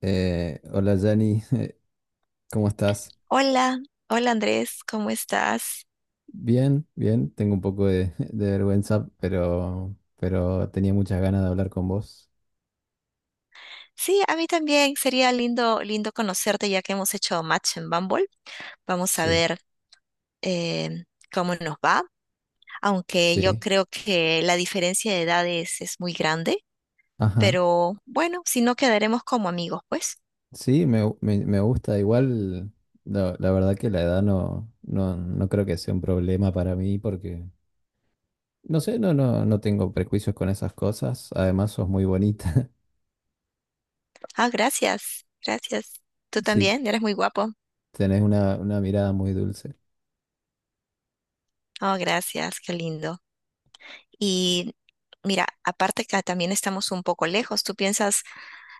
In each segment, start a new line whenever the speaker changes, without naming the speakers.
Hola Jani, ¿cómo estás?
Hola, hola Andrés, ¿cómo estás?
Bien, bien, tengo un poco de, de vergüenza, pero tenía muchas ganas de hablar con vos.
Sí, a mí también sería lindo, lindo conocerte ya que hemos hecho match en Bumble. Vamos a
Sí,
ver, eh, cómo nos va, aunque yo
sí,
creo que la diferencia de edades es muy grande,
ajá.
pero bueno, si no quedaremos como amigos, pues.
Sí, me gusta, igual la verdad que la edad no creo que sea un problema para mí porque, no sé, no tengo prejuicios con esas cosas. Además, sos muy bonita,
Ah, gracias, gracias. Tú
sí,
también, eres muy guapo.
tenés una mirada muy dulce.
Oh, gracias, qué lindo. Y mira, aparte que también estamos un poco lejos, ¿tú piensas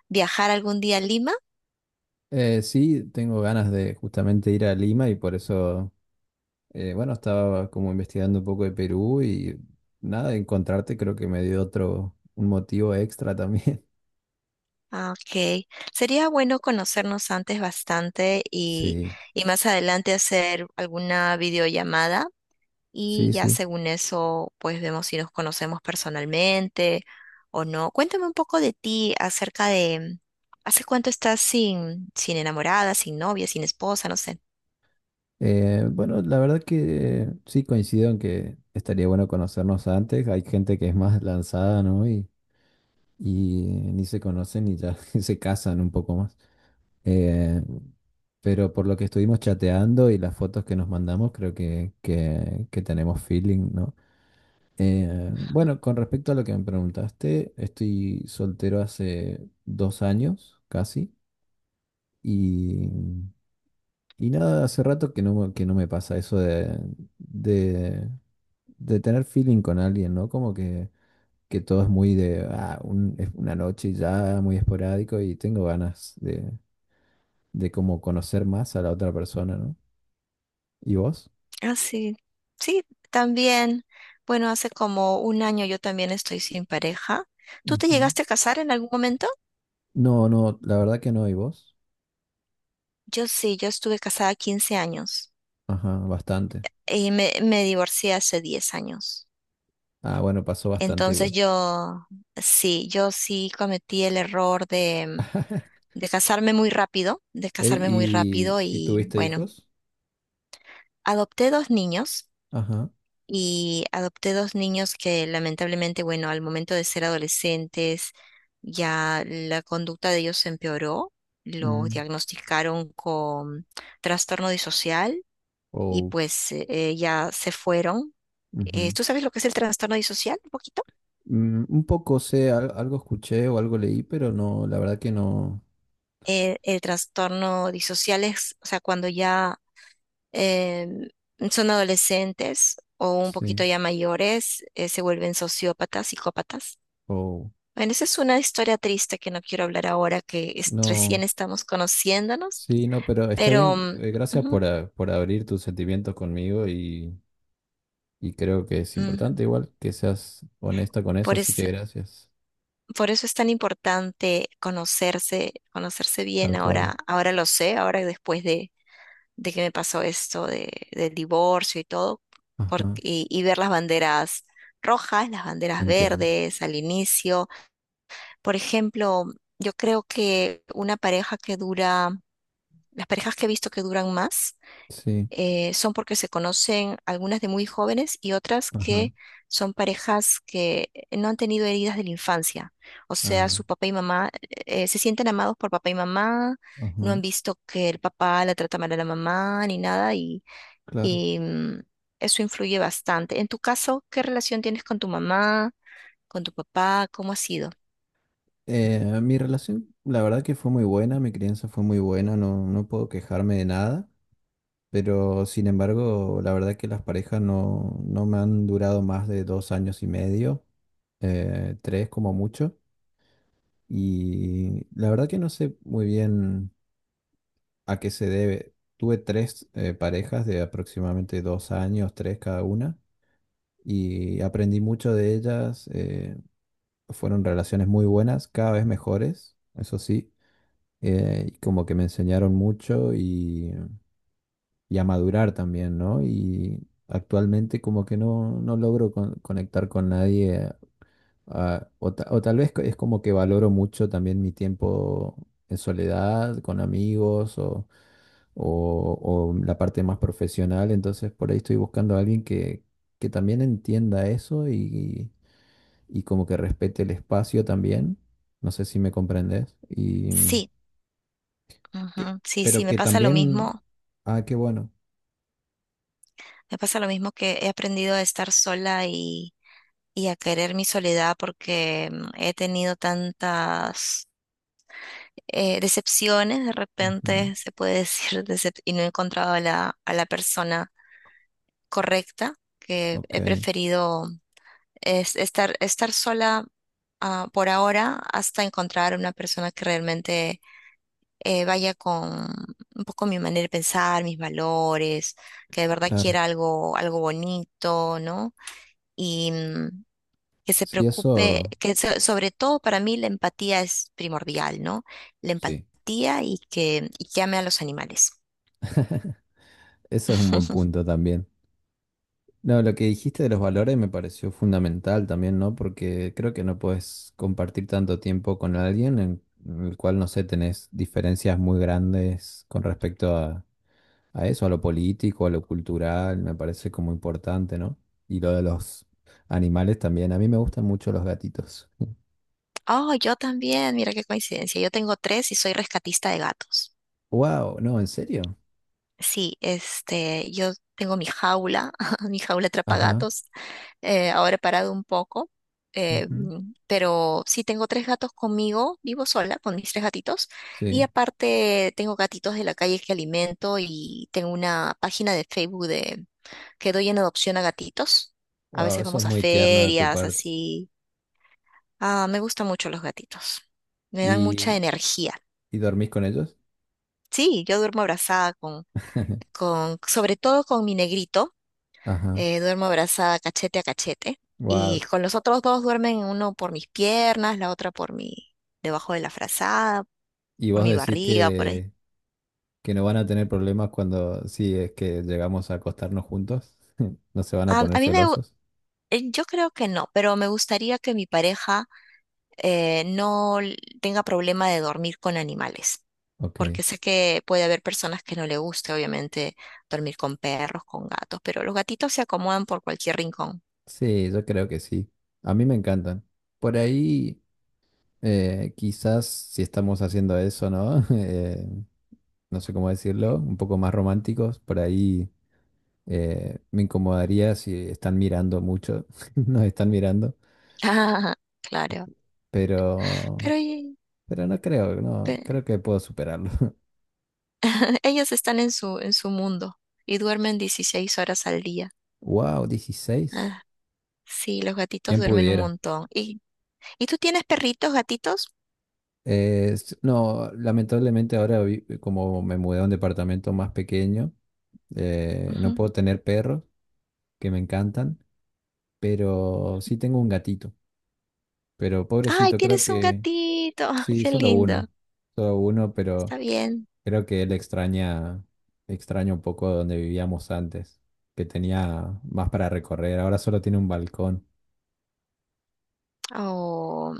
viajar algún día a Lima?
Sí, tengo ganas de justamente ir a Lima y por eso... Bueno, estaba como investigando un poco de Perú y nada, de encontrarte creo que me dio otro, un motivo extra también.
Ah, ok, sería bueno conocernos antes bastante y,
Sí,
y más adelante hacer alguna videollamada y
sí,
ya
sí.
según eso pues vemos si nos conocemos personalmente o no. Cuéntame un poco de ti, acerca de ¿hace cuánto estás sin enamorada, sin novia, sin esposa? No sé.
Bueno, la verdad que sí coincido en que estaría bueno conocernos antes. Hay gente que es más lanzada, ¿no? Y ni se conocen y ya se casan un poco más. Eh, pero por lo que estuvimos chateando y las fotos que nos mandamos, creo que tenemos feeling, ¿no? Bueno, con respecto a lo que me preguntaste, estoy soltero hace 2 años casi y, y nada, hace rato que que no me pasa eso de, de, de tener feeling con alguien, ¿no? Como que todo es muy de, es una noche y ya, muy esporádico y tengo ganas de como conocer más a la otra persona, ¿no? ¿Y vos?
Ah, sí, sí, también. Bueno, hace como un año yo también estoy sin pareja. ¿Tú te
Ujú.
llegaste a casar en algún momento?
No, no, la verdad que no, ¿y vos?
Yo sí, yo estuve casada 15 años.
Ajá, bastante.
Y me divorcié hace 10 años.
Ah, bueno, pasó bastante
Entonces
igual.
yo, sí, yo sí cometí el error de, de casarme muy rápido, de
Ey,
casarme muy rápido
¿y
y
tuviste
bueno,
hijos?
adopté dos niños
Ajá.
adopté dos niños que lamentablemente, bueno, al momento de ser adolescentes ya la conducta de ellos se empeoró, los
Mm,
diagnosticaron con trastorno disocial y
oh,
pues ya se fueron.
ujú.
¿Tú sabes lo que es el trastorno disocial?
Mm, un poco sé, algo escuché o algo leí, pero no, la verdad que no.
El trastorno disocial es, o sea, cuando ya eh, son adolescentes o un poquito
Sí.
ya mayores, se vuelven sociópatas, psicópatas.
Oh.
Bueno, esa es una historia triste que no quiero hablar ahora, que
Mm. No.
recién estamos conociéndonos,
Sí, no, pero está
pero
bien.
mm,
Gracias
ujú,
por abrir tus sentimientos conmigo y creo que es importante
ujú.
igual que seas honesta con eso,
Por
así
es-
que gracias.
por eso es tan importante conocerse, bien.
Tal cual.
Ahora, ahora lo sé, ahora después de que me pasó esto del divorcio y todo,
Ajá.
y ver las banderas rojas, las banderas
Entiendo.
verdes al inicio. Por ejemplo, yo creo que una pareja que dura, las parejas que he visto que duran más,
Sí.
son porque se conocen algunas de muy jóvenes y otras
Ajá.
que son parejas que no han tenido heridas de la infancia. O sea,
Ah,
su papá y mamá, se sienten amados por papá y mamá, no han
ajá.
visto que el papá la trata mal a la mamá ni nada y
Claro.
y mm, eso influye bastante. En tu caso, ¿qué relación tienes con tu mamá, con tu papá? ¿Cómo ha sido?
Mi relación, la verdad que fue muy buena, mi crianza fue muy buena, no, no puedo quejarme de nada, pero sin embargo, la verdad que las parejas no me han durado más de 2 años y medio, tres como mucho, y la verdad que no sé muy bien a qué se debe. Tuve tres parejas de aproximadamente 2 años, tres cada una, y aprendí mucho de ellas. Fueron relaciones muy buenas, cada vez mejores, eso sí. Y como que me enseñaron mucho y a madurar también, ¿no? Y actualmente como que no logro conectar con nadie, o tal vez es como que valoro mucho también mi tiempo en soledad, con amigos o la parte más profesional. Entonces por ahí estoy buscando a alguien que también entienda eso y como que respete el espacio también. No sé si me comprendes. Y
Sí,
Pe-
ujú, sí, sí,
pero
me
que
pasa lo
también...
mismo.
Ah, qué bueno.
Me pasa lo mismo que he aprendido a estar sola y a querer mi soledad porque he tenido tantas decepciones, de
Ujú.
repente se puede decir, y no he encontrado a la persona correcta que
Ok,
he preferido. Es estar sola, por ahora, hasta encontrar una persona que realmente vaya con un poco mi manera de pensar, mis valores, que de verdad
claro.
quiera algo, algo bonito, ¿no? Y mm, que se
Sí,
preocupe,
eso,
que sobre todo para mí la empatía es primordial, ¿no? La
sí.
empatía y y que ame a los animales.
Eso es un buen punto también. No, lo que dijiste de los valores me pareció fundamental también, ¿no? Porque creo que no puedes compartir tanto tiempo con alguien en el cual, no sé, tenés diferencias muy grandes con respecto a eso, a lo político, a lo cultural, me parece como importante, ¿no? Y lo de los animales también. A mí me gustan mucho los gatitos.
Oh, yo también, mira qué coincidencia. Yo tengo tres y soy rescatista de gatos.
¡Wow! No, ¿en serio?
Sí, este, yo tengo mi jaula, mi jaula
Ajá.
atrapagatos, ahora he parado un poco,
Ujú.
pero sí tengo tres gatos conmigo, vivo sola con mis tres gatitos, y
Sí,
aparte tengo gatitos de la calle que alimento y tengo una página de Facebook que doy en adopción a gatitos. A
wow,
veces
eso es
vamos a
muy tierno de tu
ferias,
parte.
así. Ah, me gustan mucho los gatitos, me dan mucha
¿Y,
energía.
y dormís con ellos?
Sí, yo duermo abrazada sobre todo con mi negrito.
Ajá,
Duermo abrazada cachete a cachete.
wow.
Y con los otros dos duermen uno por mis piernas, la otra por debajo de la frazada,
¿Y
por
vos
mi
decís
barriga, por ahí.
que no van a tener problemas cuando, si es que llegamos a acostarnos juntos? ¿No se van a
A,
poner
a mí
celosos?
yo creo que no, pero me gustaría que mi pareja no tenga problema de dormir con animales,
Ok,
porque sé que puede haber personas que no le guste, obviamente, dormir con perros, con gatos, pero los gatitos se acomodan por cualquier rincón.
sí, yo creo que sí. A mí me encantan. Por ahí, quizás si estamos haciendo eso, ¿no? No sé cómo decirlo, un poco más románticos, por ahí. Me incomodaría si están mirando mucho, nos están mirando,
Ah, claro,
pero,
pero,
pero no creo, no,
pe-
creo que puedo superarlo.
ellos están en su mundo y duermen 16 horas al día.
Wow, 16.
Ah, sí, los gatitos
¿Quién
duermen un
pudiera?
montón. ¿Y tú tienes perritos, gatitos?
No, lamentablemente ahora como me mudé a un departamento más pequeño, no
Ujú.
puedo tener perros que me encantan, pero sí tengo un gatito. Pero
Ay,
pobrecito, creo
tienes un
que
gatito.
sí,
Qué
solo
lindo.
uno. Solo uno,
Está
pero
bien.
creo que él extraña, extraña un poco donde vivíamos antes, que tenía más para recorrer. Ahora solo tiene un balcón.
O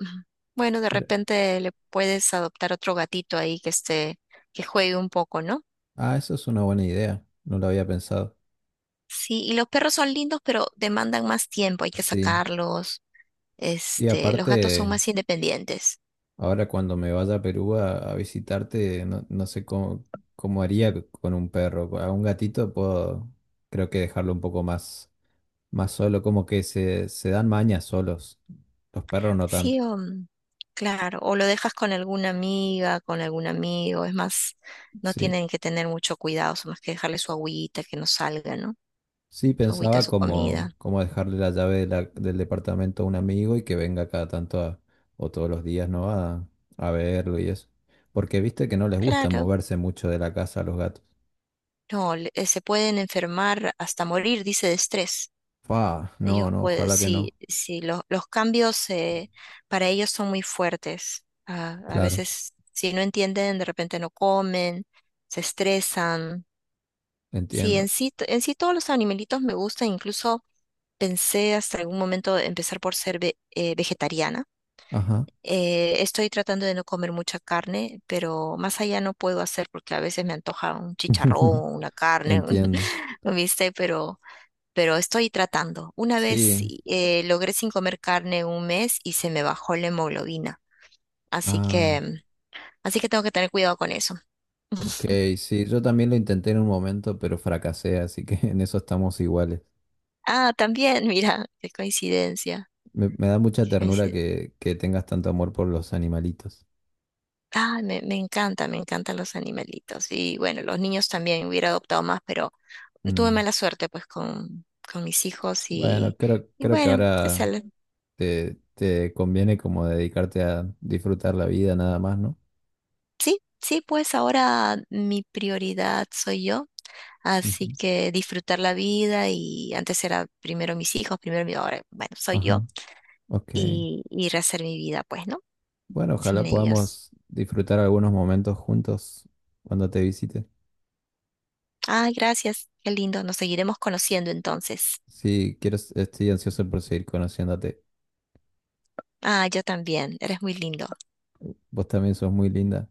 bueno, de
Re-
repente le puedes adoptar otro gatito ahí que esté, que juegue un poco, ¿no?
Eso es una buena idea. No lo había pensado.
Sí, y los perros son lindos, pero demandan más tiempo, hay que
Sí,
sacarlos.
sí,
Este, los gatos son
aparte,
más independientes.
ahora cuando me vaya a Perú a visitarte, no sé cómo, haría con un perro. A un gatito puedo, creo que dejarlo un poco más solo, como que se dan mañas solos. Los perros no tanto.
Sí, o, mm, claro, o lo dejas con alguna amiga, con algún amigo, es más, no
Sí.
tienen que tener mucho cuidado, es más que dejarle su agüita, que no salga, ¿no?
Sí,
Su agüita,
pensaba
su
como,
comida.
como dejarle la llave del departamento a un amigo y que venga cada tanto o todos los días, ¿no? A verlo y eso. Porque viste que no les gusta
Claro,
moverse mucho de la casa a los gatos.
no, se pueden enfermar hasta morir, dice, de estrés.
No,
Ellos
no,
pueden,
ojalá que no.
sí, sí, los cambios para ellos son muy fuertes. Ah, a
Claro,
veces, si no entienden, de repente no comen, se estresan. Sí, en
entiendo.
sí, en sí todos los animalitos me gustan, incluso pensé hasta algún momento empezar por ser vegetariana.
Ajá.
Estoy tratando de no comer mucha carne, pero más allá no puedo hacer porque a veces me antoja un chicharrón, una carne, un,
Entiendo.
un bistec, pero, estoy tratando. Una vez
Sí.
sí, logré sin comer carne un mes y se me bajó la hemoglobina, así
Ah,
que, así que tengo que tener cuidado con eso.
ok, sí. Yo también lo intenté en un momento, pero fracasé, así que en eso estamos iguales.
Ah, también, mira, qué coincidencia.
Me da mucha
Qué
ternura
coincidencia.
que tengas tanto amor por los animalitos.
Ay, me encantan los animalitos. Y bueno, los niños también hubiera adoptado más, pero tuve
Mm.
mala suerte pues con mis hijos
Bueno,
y,
creo,
y
creo que
bueno, o sea,
ahora te conviene como dedicarte a disfrutar la vida nada más, ¿no?
sí, sí, pues ahora mi prioridad soy yo. Así
Ujú.
que disfrutar la vida y antes era primero mis hijos, ahora, bueno, soy yo
Ajá, ok.
y rehacer mi vida, pues, ¿no?
Bueno,
Sin
ojalá
ellos.
podamos disfrutar algunos momentos juntos cuando te visite.
Ay, gracias, qué lindo. Nos seguiremos conociendo entonces.
Sí, quiero, estoy ansioso por seguir conociéndote.
Ah, yo también. Eres muy lindo.
Vos también sos muy linda.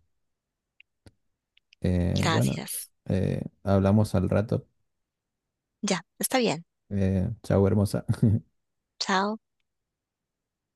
Bueno,
Gracias.
hablamos al rato.
Ya, está bien.
Chau, hermosa.
Chao.